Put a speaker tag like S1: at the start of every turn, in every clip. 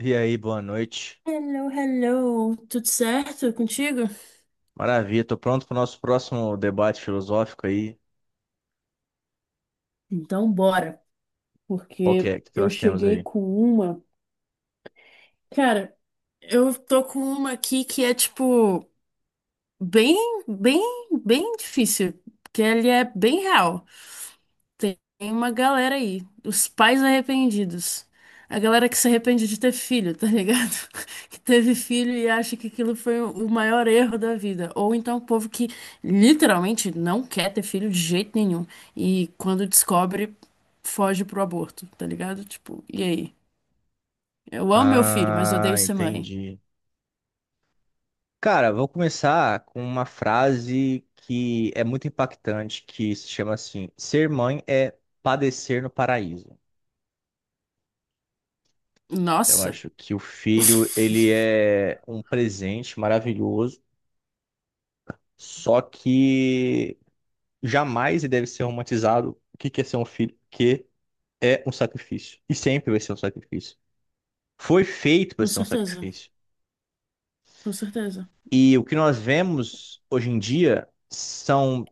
S1: E aí, boa noite.
S2: Hello, hello, tudo certo contigo?
S1: Maravilha, tô pronto para o nosso próximo debate filosófico aí.
S2: Então bora,
S1: Qual que
S2: porque
S1: é que
S2: eu
S1: nós temos
S2: cheguei
S1: aí?
S2: com uma. Cara, eu tô com uma aqui que é tipo bem, bem, bem difícil, que ele é bem real. Tem uma galera aí, os pais arrependidos. A galera que se arrepende de ter filho, tá ligado? Que teve filho e acha que aquilo foi o maior erro da vida. Ou então o povo que literalmente não quer ter filho de jeito nenhum. E quando descobre, foge pro aborto, tá ligado? Tipo, e aí? Eu amo meu filho, mas
S1: Ah,
S2: odeio ser mãe.
S1: entendi. Cara, vou começar com uma frase que é muito impactante, que se chama assim: ser mãe é padecer no paraíso. Eu
S2: Nossa.
S1: acho que o filho, ele é um presente maravilhoso, só que jamais ele deve ser romantizado. O que que é ser um filho? Que é um sacrifício. E sempre vai ser um sacrifício. Foi feito para
S2: Com
S1: ser um
S2: certeza,
S1: sacrifício.
S2: com certeza.
S1: E o que nós vemos hoje em dia são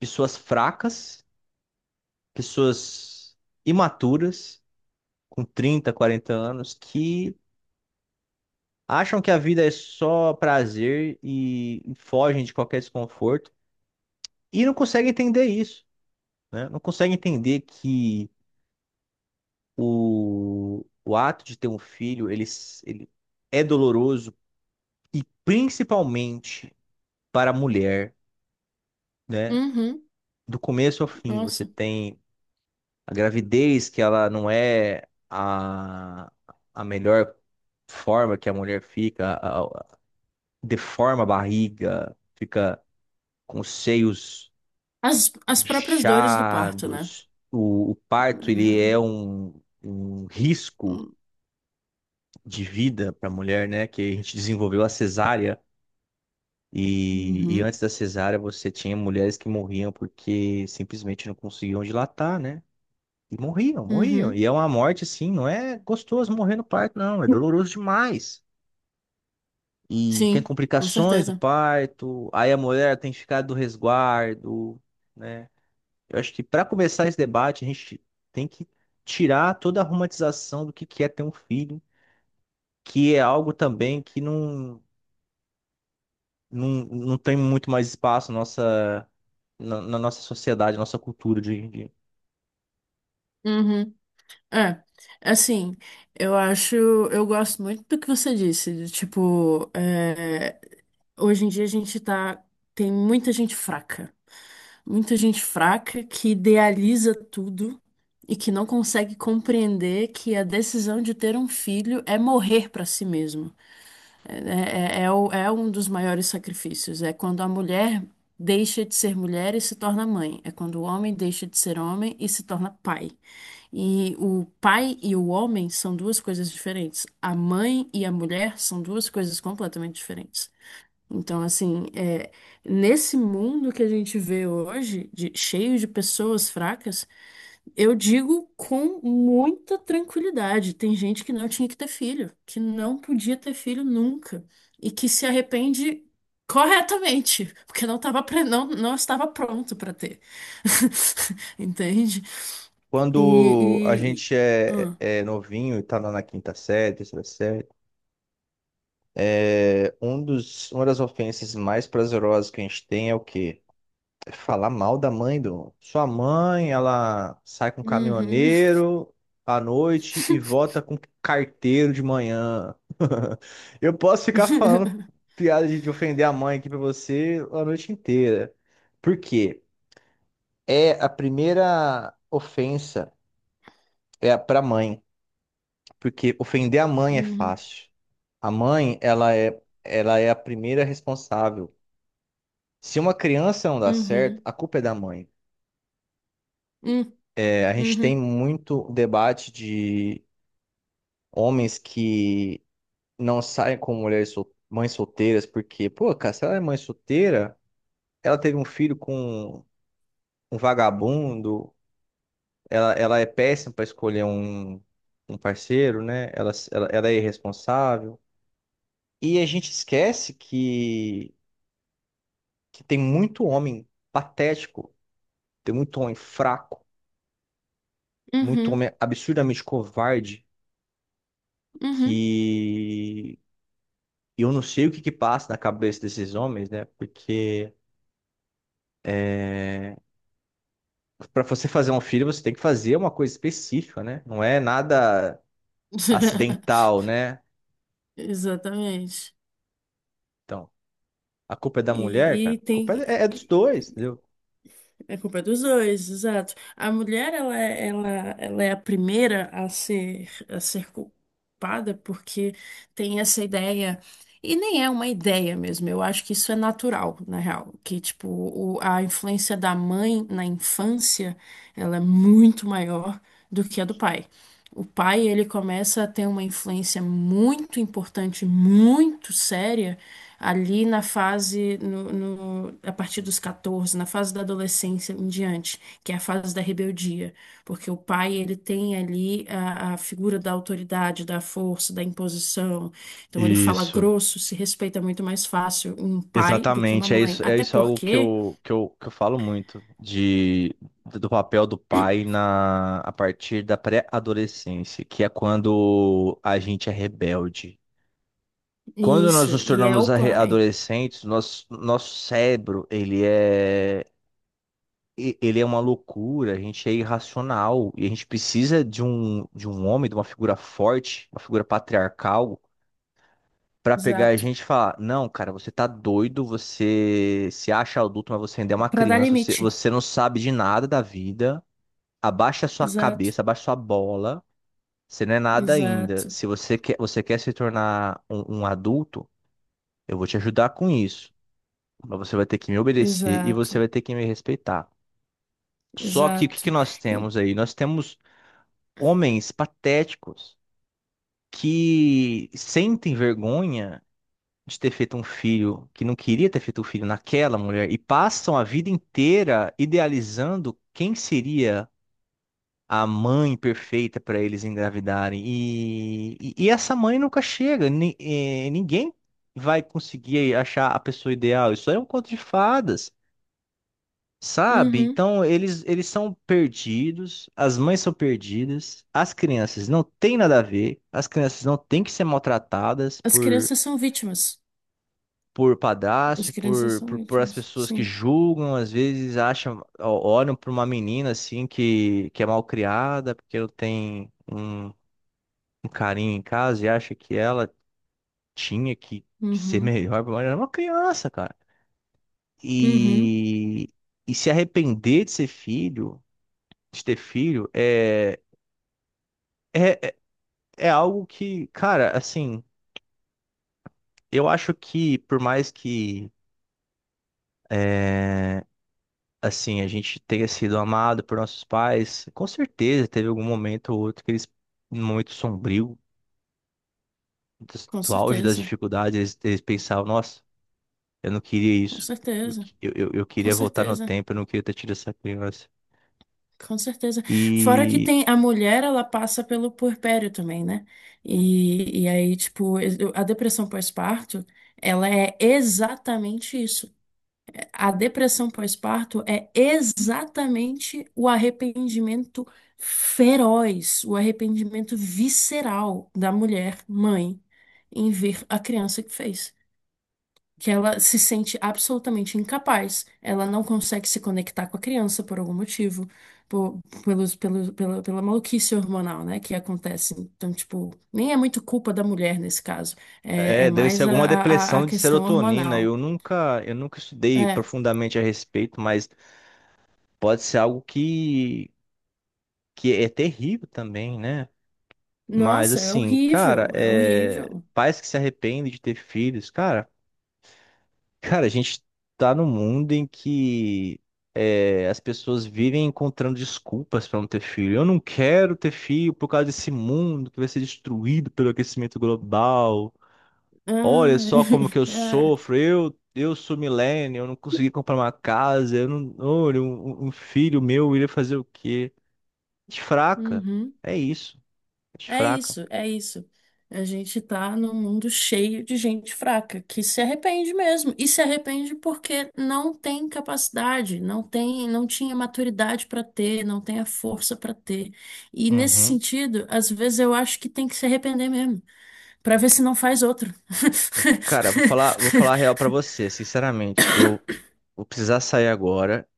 S1: pessoas fracas, pessoas imaturas, com 30, 40 anos, que acham que a vida é só prazer e fogem de qualquer desconforto e não conseguem entender isso, né? Não conseguem entender que o ato de ter um filho, ele é doloroso e principalmente para a mulher, né?
S2: Uhum,
S1: Do começo ao fim. Você
S2: nossa.
S1: tem a gravidez, que ela não é a melhor forma que a mulher fica, deforma a barriga, fica com os seios
S2: As próprias dores do parto, né?
S1: inchados. O parto, ele é um risco de vida para a mulher, né? Que a gente desenvolveu a cesárea. E
S2: Uhum,
S1: antes da cesárea, você tinha mulheres que morriam porque simplesmente não conseguiam dilatar, né? E morriam, morriam.
S2: uhum.
S1: E é uma morte assim, não é gostoso morrer no parto, não. É doloroso demais. E tem
S2: Sim, com
S1: complicações do
S2: certeza.
S1: parto, aí a mulher tem que ficar do resguardo, né? Eu acho que para começar esse debate, a gente tem que tirar toda a romantização do que é ter um filho, que é algo também que não tem muito mais espaço na nossa sociedade, na nossa cultura de hoje em dia.
S2: Uhum. É, assim, eu acho, eu gosto muito do que você disse, de, tipo, é, hoje em dia a gente tá, tem muita gente fraca que idealiza tudo e que não consegue compreender que a decisão de ter um filho é morrer pra si mesmo. É um dos maiores sacrifícios. É quando a mulher deixa de ser mulher e se torna mãe. É quando o homem deixa de ser homem e se torna pai. E o pai e o homem são duas coisas diferentes. A mãe e a mulher são duas coisas completamente diferentes. Então, assim, é, nesse mundo que a gente vê hoje, de- cheio de pessoas fracas, eu digo com muita tranquilidade. Tem gente que não tinha que ter filho, que não podia ter filho nunca e que se arrepende corretamente, porque não tava, pre- não, não estava pronto para ter. Entende?
S1: Quando a
S2: E, e...
S1: gente é,
S2: Ah.
S1: é é novinho e tá lá na quinta série, terceira série, uma das ofensas mais prazerosas que a gente tem é o quê? É falar mal da mãe do. Sua mãe, ela sai com um
S2: Uhum.
S1: caminhoneiro à noite e volta com carteiro de manhã. Eu posso ficar falando piada de ofender a mãe aqui pra você a noite inteira. Por quê? É a primeira ofensa, é a pra mãe, porque ofender a mãe é
S2: Uhum.
S1: fácil. A mãe, ela é a primeira responsável. Se uma criança não dá certo,
S2: Uhum.
S1: a culpa é da mãe.
S2: Uhum.
S1: É, a gente tem
S2: Hum,
S1: muito debate de homens que não saem com mulheres mães solteiras, porque, pô, cara, se ela é mãe solteira, ela teve um filho com um vagabundo, ela é péssima para escolher um parceiro, né? Ela é irresponsável. E a gente esquece que, tem muito homem patético, tem muito homem fraco, muito
S2: uhum.
S1: homem absurdamente covarde
S2: Uhum. Uhum.
S1: que eu não sei o que que passa na cabeça desses homens, né? Porque é, para você fazer um filho, você tem que fazer uma coisa específica, né? Não é nada acidental, né?
S2: Exatamente.
S1: Então, a culpa é da mulher,
S2: E
S1: cara. A
S2: tem.
S1: culpa é dos dois, entendeu?
S2: É culpa dos dois, exato. A mulher, ela é a primeira a ser culpada porque tem essa ideia, e nem é uma ideia mesmo, eu acho que isso é natural, na real, que, tipo, a influência da mãe na infância, ela é muito maior do que a do pai. O pai, ele começa a ter uma influência muito importante, muito séria, ali na fase, a partir dos 14 na fase da adolescência em diante, que é a fase da rebeldia, porque o pai, ele tem ali a figura da autoridade, da força, da imposição, então ele fala
S1: Isso.
S2: grosso, se respeita muito mais fácil um pai do que uma
S1: Exatamente, é
S2: mãe,
S1: isso, é
S2: até
S1: isso algo que
S2: porque,
S1: eu, que eu, que eu falo muito, de, do papel do pai, na, a partir da pré-adolescência, que é quando a gente é rebelde. Quando nós
S2: isso,
S1: nos
S2: e é o
S1: tornamos
S2: pai,
S1: adolescentes, nosso cérebro, ele é uma loucura, a gente é irracional e a gente precisa de um homem, de uma figura forte, uma figura patriarcal, para pegar a
S2: exato,
S1: gente e falar: não, cara, você tá doido, você se acha adulto, mas você ainda é uma
S2: para dar
S1: criança, você,
S2: limite,
S1: você não sabe de nada da vida, abaixa a sua
S2: exato,
S1: cabeça, abaixa a sua bola, você não é nada ainda.
S2: exato,
S1: Se você quer, você quer se tornar um adulto, eu vou te ajudar com isso. Mas você vai ter que me obedecer e você
S2: exato,
S1: vai ter que me respeitar. Só que o que que
S2: exato.
S1: nós
S2: E-
S1: temos aí? Nós temos homens patéticos que sentem vergonha de ter feito um filho, que não queria ter feito um filho naquela mulher, e passam a vida inteira idealizando quem seria a mãe perfeita para eles engravidarem. E essa mãe nunca chega. Ninguém vai conseguir achar a pessoa ideal. Isso aí é um conto de fadas. Sabe?
S2: uhum.
S1: Então eles são perdidos, as mães são perdidas, as crianças não têm nada a ver, as crianças não têm que ser maltratadas
S2: As
S1: por,
S2: crianças são vítimas.
S1: por
S2: As
S1: padrastos,
S2: crianças
S1: por, por,
S2: são
S1: por as
S2: ótimas.
S1: pessoas que
S2: Sim.
S1: julgam, às vezes acham, olham para uma menina assim que é mal criada, porque ela tem um carinho em casa e acha que ela tinha que ser
S2: Uhum.
S1: melhor, mas ela é uma criança, cara.
S2: Uhum.
S1: E, e se arrepender de ser filho de ter filho É, é é algo que, cara, assim, eu acho que por mais que é, assim, a gente tenha sido amado por nossos pais, com certeza teve algum momento ou outro que eles, num momento sombrio, dos-
S2: Com
S1: do, auge das
S2: certeza.
S1: dificuldades, eles pensavam, nossa, eu não queria
S2: Com
S1: isso. Eu,
S2: certeza.
S1: que- eu, eu eu
S2: Com
S1: queria voltar no
S2: certeza.
S1: tempo, eu não queria ter tido essa criança.
S2: Com certeza. Fora que
S1: E
S2: tem a mulher, ela passa pelo puerpério também, né? E aí, tipo, a depressão pós-parto, ela é exatamente isso. A depressão pós-parto é exatamente o arrependimento feroz, o arrependimento visceral da mulher mãe em ver a criança que fez. Que ela se sente absolutamente incapaz. Ela não consegue se conectar com a criança por algum motivo, por, pela pela maluquice hormonal, né, que acontece. Então, tipo, nem é muito culpa da mulher nesse caso, é, é
S1: é, deve ser
S2: mais
S1: alguma
S2: a
S1: depressão de
S2: questão
S1: serotonina.
S2: hormonal.
S1: Eu nunca estudei
S2: É,
S1: profundamente a respeito, mas pode ser algo que é terrível também, né? Mas
S2: nossa, é
S1: assim, cara,
S2: horrível, é horrível.
S1: pais que se arrependem de ter filhos, cara, cara, a gente tá num mundo em que as pessoas vivem encontrando desculpas pra não ter filho. Eu não quero ter filho por causa desse mundo que vai ser destruído pelo aquecimento global. Olha
S2: Ah,
S1: só como que eu
S2: é.
S1: sofro. Eu sou millennial, eu não consegui comprar uma casa. Eu não, olha, um filho meu iria fazer o quê? Gente fraca.
S2: Uhum.
S1: É isso. Gente
S2: É
S1: fraca.
S2: isso, é isso. A gente tá num mundo cheio de gente fraca, que se arrepende mesmo. E se arrepende porque não tem capacidade, não tem, não tinha maturidade para ter, não tem a força para ter. E nesse
S1: Uhum.
S2: sentido, às vezes eu acho que tem que se arrepender mesmo, para ver se não faz outro.
S1: Cara, vou falar a real pra você, sinceramente. Eu vou precisar sair agora,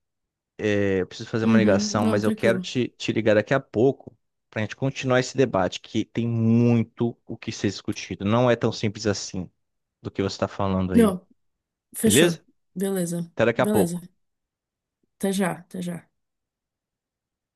S1: eu preciso fazer uma
S2: Uhum,
S1: ligação,
S2: não,
S1: mas eu quero
S2: tranquilo.
S1: te ligar daqui a pouco pra gente continuar esse debate, que tem muito o que ser discutido. Não é tão simples assim do que você tá falando aí,
S2: Não, fechou.
S1: beleza?
S2: Beleza,
S1: Até daqui a
S2: beleza.
S1: pouco.
S2: Até já, até já.